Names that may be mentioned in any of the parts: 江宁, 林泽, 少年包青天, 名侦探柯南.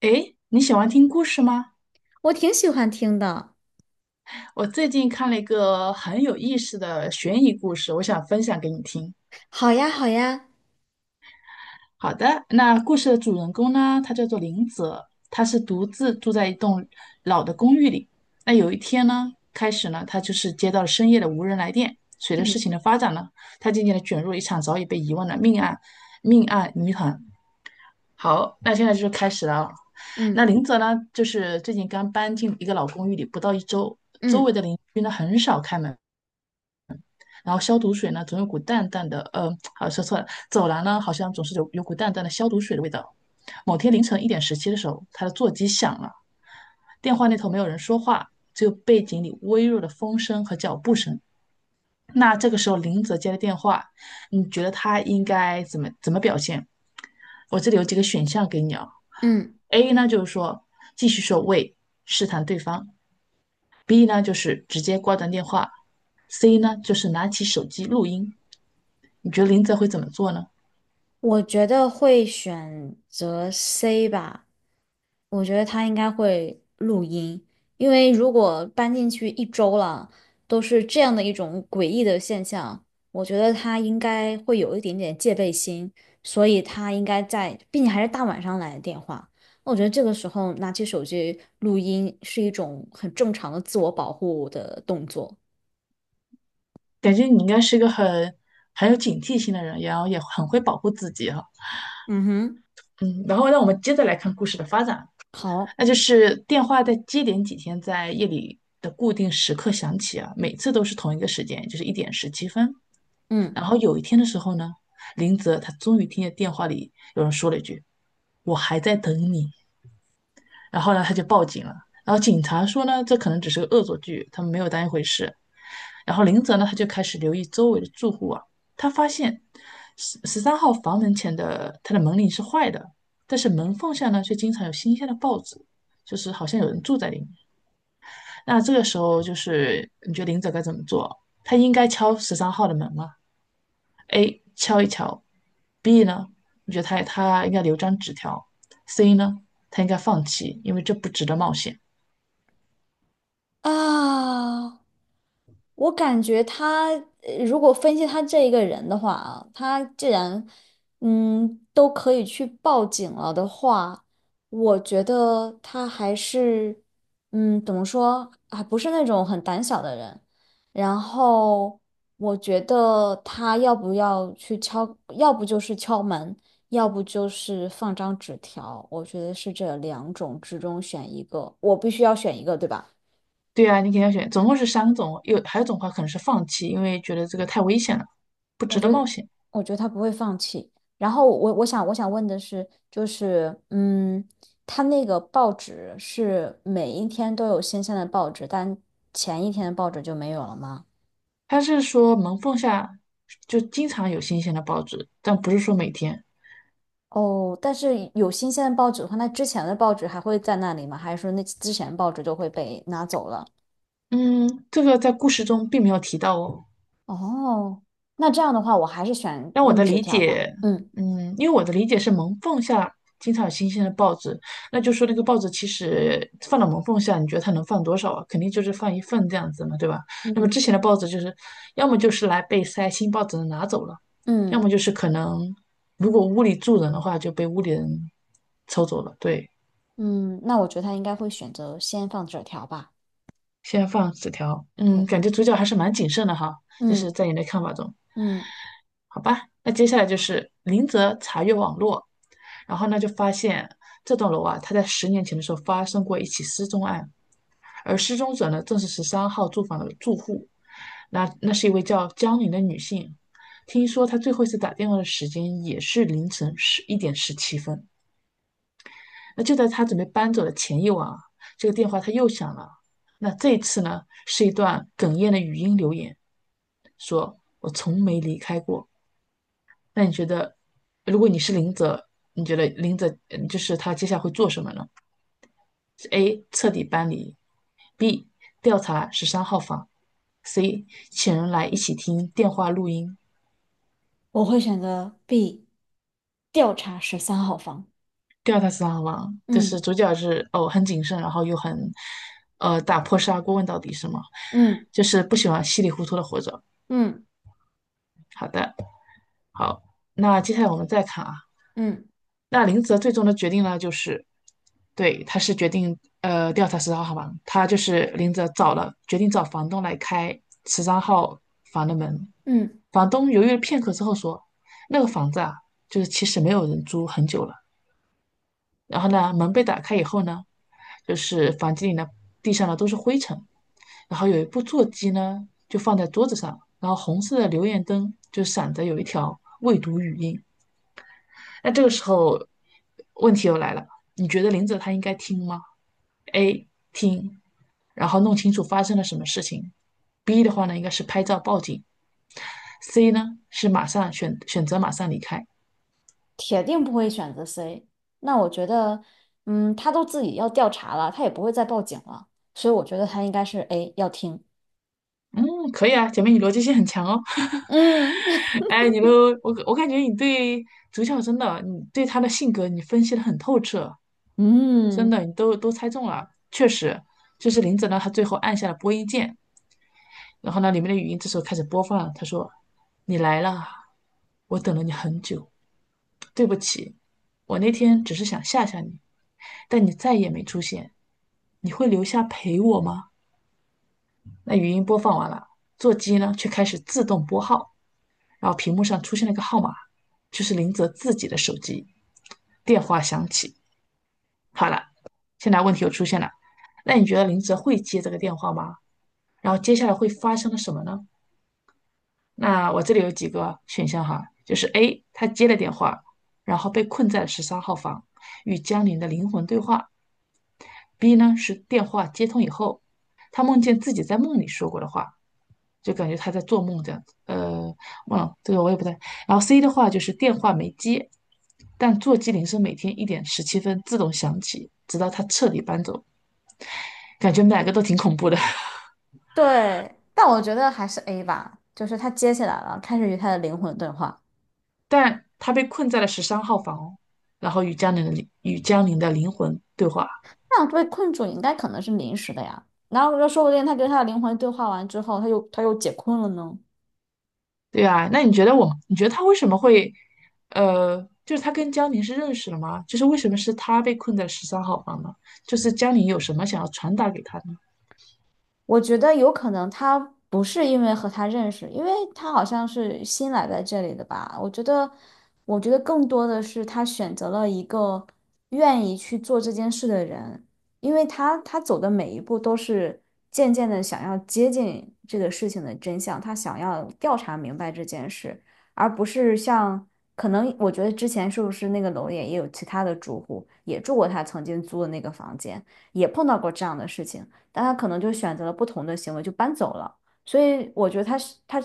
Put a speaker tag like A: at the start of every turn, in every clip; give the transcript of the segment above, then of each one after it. A: 诶，你喜欢听故事吗？
B: 我挺喜欢听的。
A: 我最近看了一个很有意思的悬疑故事，我想分享给你听。
B: 好呀，好呀，
A: 好的，那故事的主人公呢，他叫做林泽，他是独自住在一栋老的公寓里。那有一天呢，开始呢，他就是接到了深夜的无人来电。随着事
B: 嗯
A: 情的发展呢，他渐渐地卷入了一场早已被遗忘的命案谜团。好，那现在就是开始了啊。
B: 嗯
A: 那林泽呢，就是最近刚搬进一个老公寓里，不到一周，周
B: 嗯
A: 围的邻居呢很少开门，然后消毒水呢总有股淡淡的，好说错了，走廊呢好像总是有股淡淡的消毒水的味道。某天凌晨一点十七的时候，他的座机响了，电话那头没有人说话，只有背景里微弱的风声和脚步声。那这个时候林泽接了电话，你觉得他应该怎么表现？我这里有几个选项给你啊，
B: 嗯，
A: A 呢就是说继续说喂试探对方，B 呢就是直接挂断电话，C 呢就是拿起手机录音。你觉得林泽会怎么做呢？
B: 我觉得会选择 C 吧。我觉得他应该会录音，因为如果搬进去一周了，都是这样的一种诡异的现象，我觉得他应该会有一点点戒备心，所以他应该在，并且还是大晚上来的电话。我觉得这个时候拿起手机录音是一种很正常的自我保护的动作。
A: 感觉你应该是一个很有警惕性的人，然后也很会保护自己哈。
B: 嗯哼。
A: 嗯，然后让我们接着来看故事的发展。
B: 好。
A: 那就是电话在接连几天在夜里的固定时刻响起啊，每次都是同一个时间，就是一点十七分。
B: 嗯
A: 然后有一天的时候呢，林泽他终于听见电话里有人说了一句：“我还在等你。”然后呢，他就报警了。然后警察说呢，这可能只是个恶作剧，他们没有当一回事。然后林泽呢，他就开始留意周围的住户啊，他发现十三号房门前的他的门铃是坏的，但是门缝下呢却经常有新鲜的报纸，就是好像有人住在里面。那这个时候就是你觉得林泽该怎么做？他应该敲十三号的门吗？A 敲一敲，B 呢？你觉得他应该留张纸条？C 呢？他应该放弃，因为这不值得冒险。
B: 啊，我感觉他，如果分析他这一个人的话啊，他既然都可以去报警了的话，我觉得他还是怎么说，啊，不是那种很胆小的人。然后我觉得他要不要去敲，要不就是敲门，要不就是放张纸条，我觉得是这两种之中选一个，我必须要选一个，对吧？
A: 对啊，你肯定要选，总共是三种，有还有一种话可能是放弃，因为觉得这个太危险了，不
B: 我
A: 值得
B: 觉得，
A: 冒险。
B: 我觉得他不会放弃。然后我想问的是，他那个报纸是每一天都有新鲜的报纸，但前一天的报纸就没有了吗？
A: 他是说门缝下就经常有新鲜的报纸，但不是说每天。
B: 哦，但是有新鲜的报纸的话，那之前的报纸还会在那里吗？还是说那之前报纸就会被拿走了？
A: 嗯，这个在故事中并没有提到哦。
B: 哦，那这样的话，我还是选
A: 让我
B: 用
A: 的
B: 纸
A: 理
B: 条吧。
A: 解，
B: 嗯
A: 嗯，因为我的理解是门缝下经常有新鲜的报纸，那就说那个报纸其实放到门缝下，你觉得它能放多少啊？肯定就是放一份这样子嘛，对吧？那么
B: 嗯，
A: 之前的报纸就是要么就是来被塞新报纸的拿走了，要
B: 嗯
A: 么就是可能如果屋里住人的话就被屋里人抽走了。对，
B: 嗯，那我觉得他应该会选择先放纸条吧。
A: 先放纸条，
B: 对，
A: 感觉主角还是蛮谨慎的哈，就是
B: 嗯
A: 在你的看法中。
B: 嗯。
A: 好吧，那接下来就是林泽查阅网络，然后呢就发现这栋楼啊，他在10年前的时候发生过一起失踪案，而失踪者呢正是十三号住房的住户，那是一位叫江宁的女性，听说她最后一次打电话的时间也是凌晨11:17。那就在她准备搬走的前一晚啊，这个电话她又响了，那这一次呢是一段哽咽的语音留言，说我从没离开过。那你觉得，如果你是林泽，你觉得林泽就是他接下来会做什么呢？是 A 彻底搬离，B 调查十三号房，C 请人来一起听电话录音。
B: 我会选择 B，调查十三号房。
A: 调查十三号房就
B: 嗯
A: 是主角是哦很谨慎，然后又很打破砂锅问到底是吗？
B: 嗯
A: 就是不喜欢稀里糊涂的活着。
B: 嗯
A: 好的，好，那接下来我们再看啊，
B: 嗯
A: 那林泽最终的决定呢，就是对，他是决定调查十三号房，他就是林泽找了决定找房东来开十三号房的门，
B: 嗯，
A: 房东犹豫了片刻之后说，那个房子啊，就是其实没有人租很久了。然后呢，门被打开以后呢，就是房间里呢，地上呢都是灰尘，然后有一部座机呢就放在桌子上，然后红色的留言灯就闪着有一条未读语音。那这个时候，问题又来了，你觉得林子他应该听吗？A 听，然后弄清楚发生了什么事情。B 的话呢，应该是拍照报警。C 呢是马上选择马上离开。
B: 铁定不会选择 C。那我觉得，嗯，他都自己要调查了，他也不会再报警了，所以我觉得他应该是 A，要听。
A: 嗯，可以啊，姐妹你逻辑性很强哦。
B: 嗯
A: 哎，你都我我感觉你对主角真的，你对他的性格你分析的很透彻，真
B: 嗯。
A: 的你都猜中了。确实，就是林子呢，他最后按下了播音键，然后呢，里面的语音这时候开始播放了他说：“你来了，我等了你很久，对不起，我那天只是想吓吓你，但你再也没出现，你会留下陪我吗？”那语音播放完了，座机呢却开始自动拨号。然后屏幕上出现了一个号码，就是林泽自己的手机。电话响起，好了，现在问题又出现了，那你觉得林泽会接这个电话吗？然后接下来会发生了什么呢？那我这里有几个选项哈，就是 A，他接了电话，然后被困在了十三号房，与江林的灵魂对话；B 呢是电话接通以后，他梦见自己在梦里说过的话就感觉他在做梦这样子。忘了这个我也不太。然后 C 的话就是电话没接，但座机铃声每天一点十七分自动响起，直到他彻底搬走。感觉哪个都挺恐怖的。
B: 对，但我觉得还是 A 吧，就是他接起来了，开始与他的灵魂对话。
A: 但他被困在了十三号房哦，然后与江宁的灵魂对话。
B: 那样被困住应该可能是临时的呀，然后又说不定他跟他的灵魂对话完之后，他又解困了呢。
A: 对啊，那你觉得我，你觉得他为什么会，就是他跟江宁是认识了吗？就是为什么是他被困在十三号房呢？就是江宁有什么想要传达给他呢？
B: 我觉得有可能他不是因为和他认识，因为他好像是新来在这里的吧。我觉得更多的是他选择了一个愿意去做这件事的人，因为他走的每一步都是渐渐的想要接近这个事情的真相，他想要调查明白这件事，而不是像可能我觉得之前是不是那个楼里也有其他的住户也住过他曾经租的那个房间，也碰到过这样的事情。但他可能就选择了不同的行为，就搬走了。所以我觉得他是他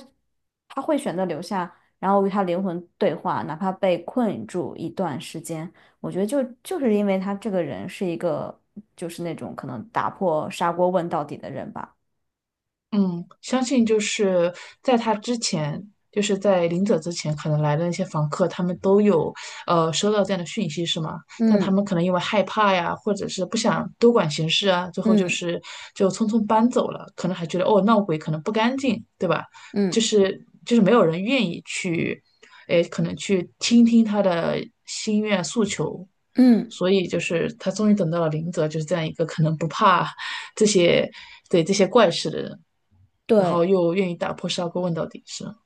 B: 他会选择留下，然后与他灵魂对话，哪怕被困住一段时间。我觉得就是因为他这个人是一个就是那种可能打破砂锅问到底的人吧。
A: 嗯，相信就是在他之前，就是在临走之前，可能来的那些房客，他们都有收到这样的讯息，是吗？但他
B: 嗯
A: 们可能因为害怕呀，或者是不想多管闲事啊，最后就
B: 嗯
A: 是就匆匆搬走了，可能还觉得哦闹鬼可能不干净，对吧？就
B: 嗯
A: 是就是没有人愿意去，诶，可能去倾听他的心愿诉求。
B: 嗯，
A: 所以就是他终于等到了林泽，就是这样一个可能不怕这些，对这些怪事的人。然后
B: 对，
A: 又愿意打破砂锅问到底，是吗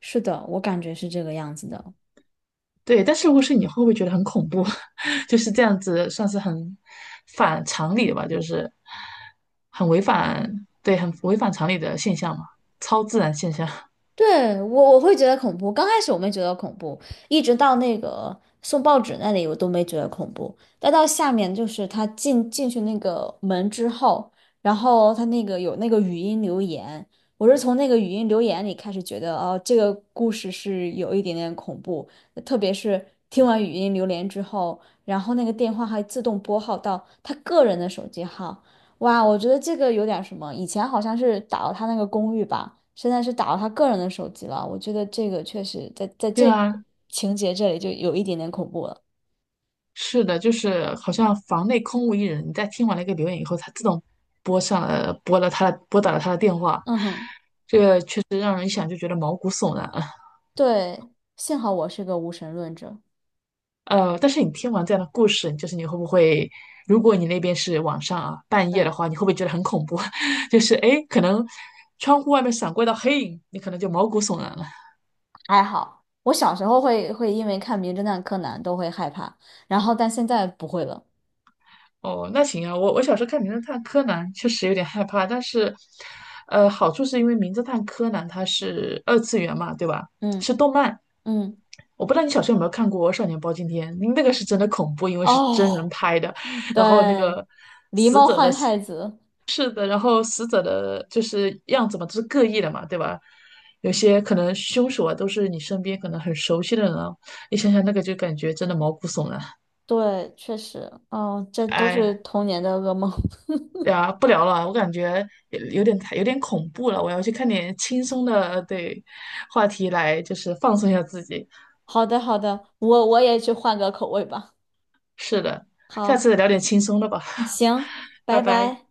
B: 是的，我感觉是这个样子的。
A: 对，但是如果是你，会不会觉得很恐怖？就是这样子，算是很反常理的吧，就是很违反，对，很违反常理的现象嘛，超自然现象。
B: 对，我会觉得恐怖，刚开始我没觉得恐怖，一直到那个送报纸那里我都没觉得恐怖，再到下面就是他进去那个门之后，然后他那个有那个语音留言，我是从那个语音留言里开始觉得哦，这个故事是有一点点恐怖，特别是听完语音留言之后，然后那个电话还自动拨号到他个人的手机号。哇，我觉得这个有点什么，以前好像是打到他那个公寓吧，现在是打到他个人的手机了。我觉得这个确实在
A: 对
B: 这个
A: 啊，
B: 情节这里就有一点点恐怖了。
A: 是的，就是好像房内空无一人。你在听完了一个留言以后，它自动拨打了他的电话，
B: 嗯哼。
A: 就是让人一想就觉得毛骨悚然。
B: 对，幸好我是个无神论者。
A: 但是你听完这样的故事，就是你会不会，如果你那边是晚上啊，半夜的
B: 嗯
A: 话，你会不会觉得很恐怖？就是哎，诶可能窗户外面闪过一道黑影，你可能就毛骨悚然了。
B: 还好。我小时候会因为看《名侦探柯南》都会害怕，然后但现在不会了。
A: 哦，那行啊，我小时候看《名侦探柯南》确实有点害怕，但是，好处是因为《名侦探柯南》它是二次元嘛，对吧？
B: 嗯
A: 是动漫。
B: 嗯。
A: 我不知道你小时候有没有看过《少年包青天》，那个是真的恐怖，因为是真人
B: 哦，
A: 拍的，然后那
B: 对，
A: 个
B: 狸
A: 死
B: 猫
A: 者的
B: 换太子。
A: 是的，然后死者的就是样子嘛，都是各异的嘛，对吧？有些可能凶手啊，都是你身边可能很熟悉的人啊，你想想那个就感觉真的毛骨悚然。
B: 对，确实，哦，这都是
A: 哎
B: 童年的噩梦。
A: 呀，不聊了，我感觉有点太有点恐怖了，我要去看点轻松的，对，话题来就是放松一下自己。
B: 好的，好的，我也去换个口味吧。
A: 是的，下
B: 好，
A: 次聊点轻松的吧，
B: 行，拜
A: 拜拜。
B: 拜。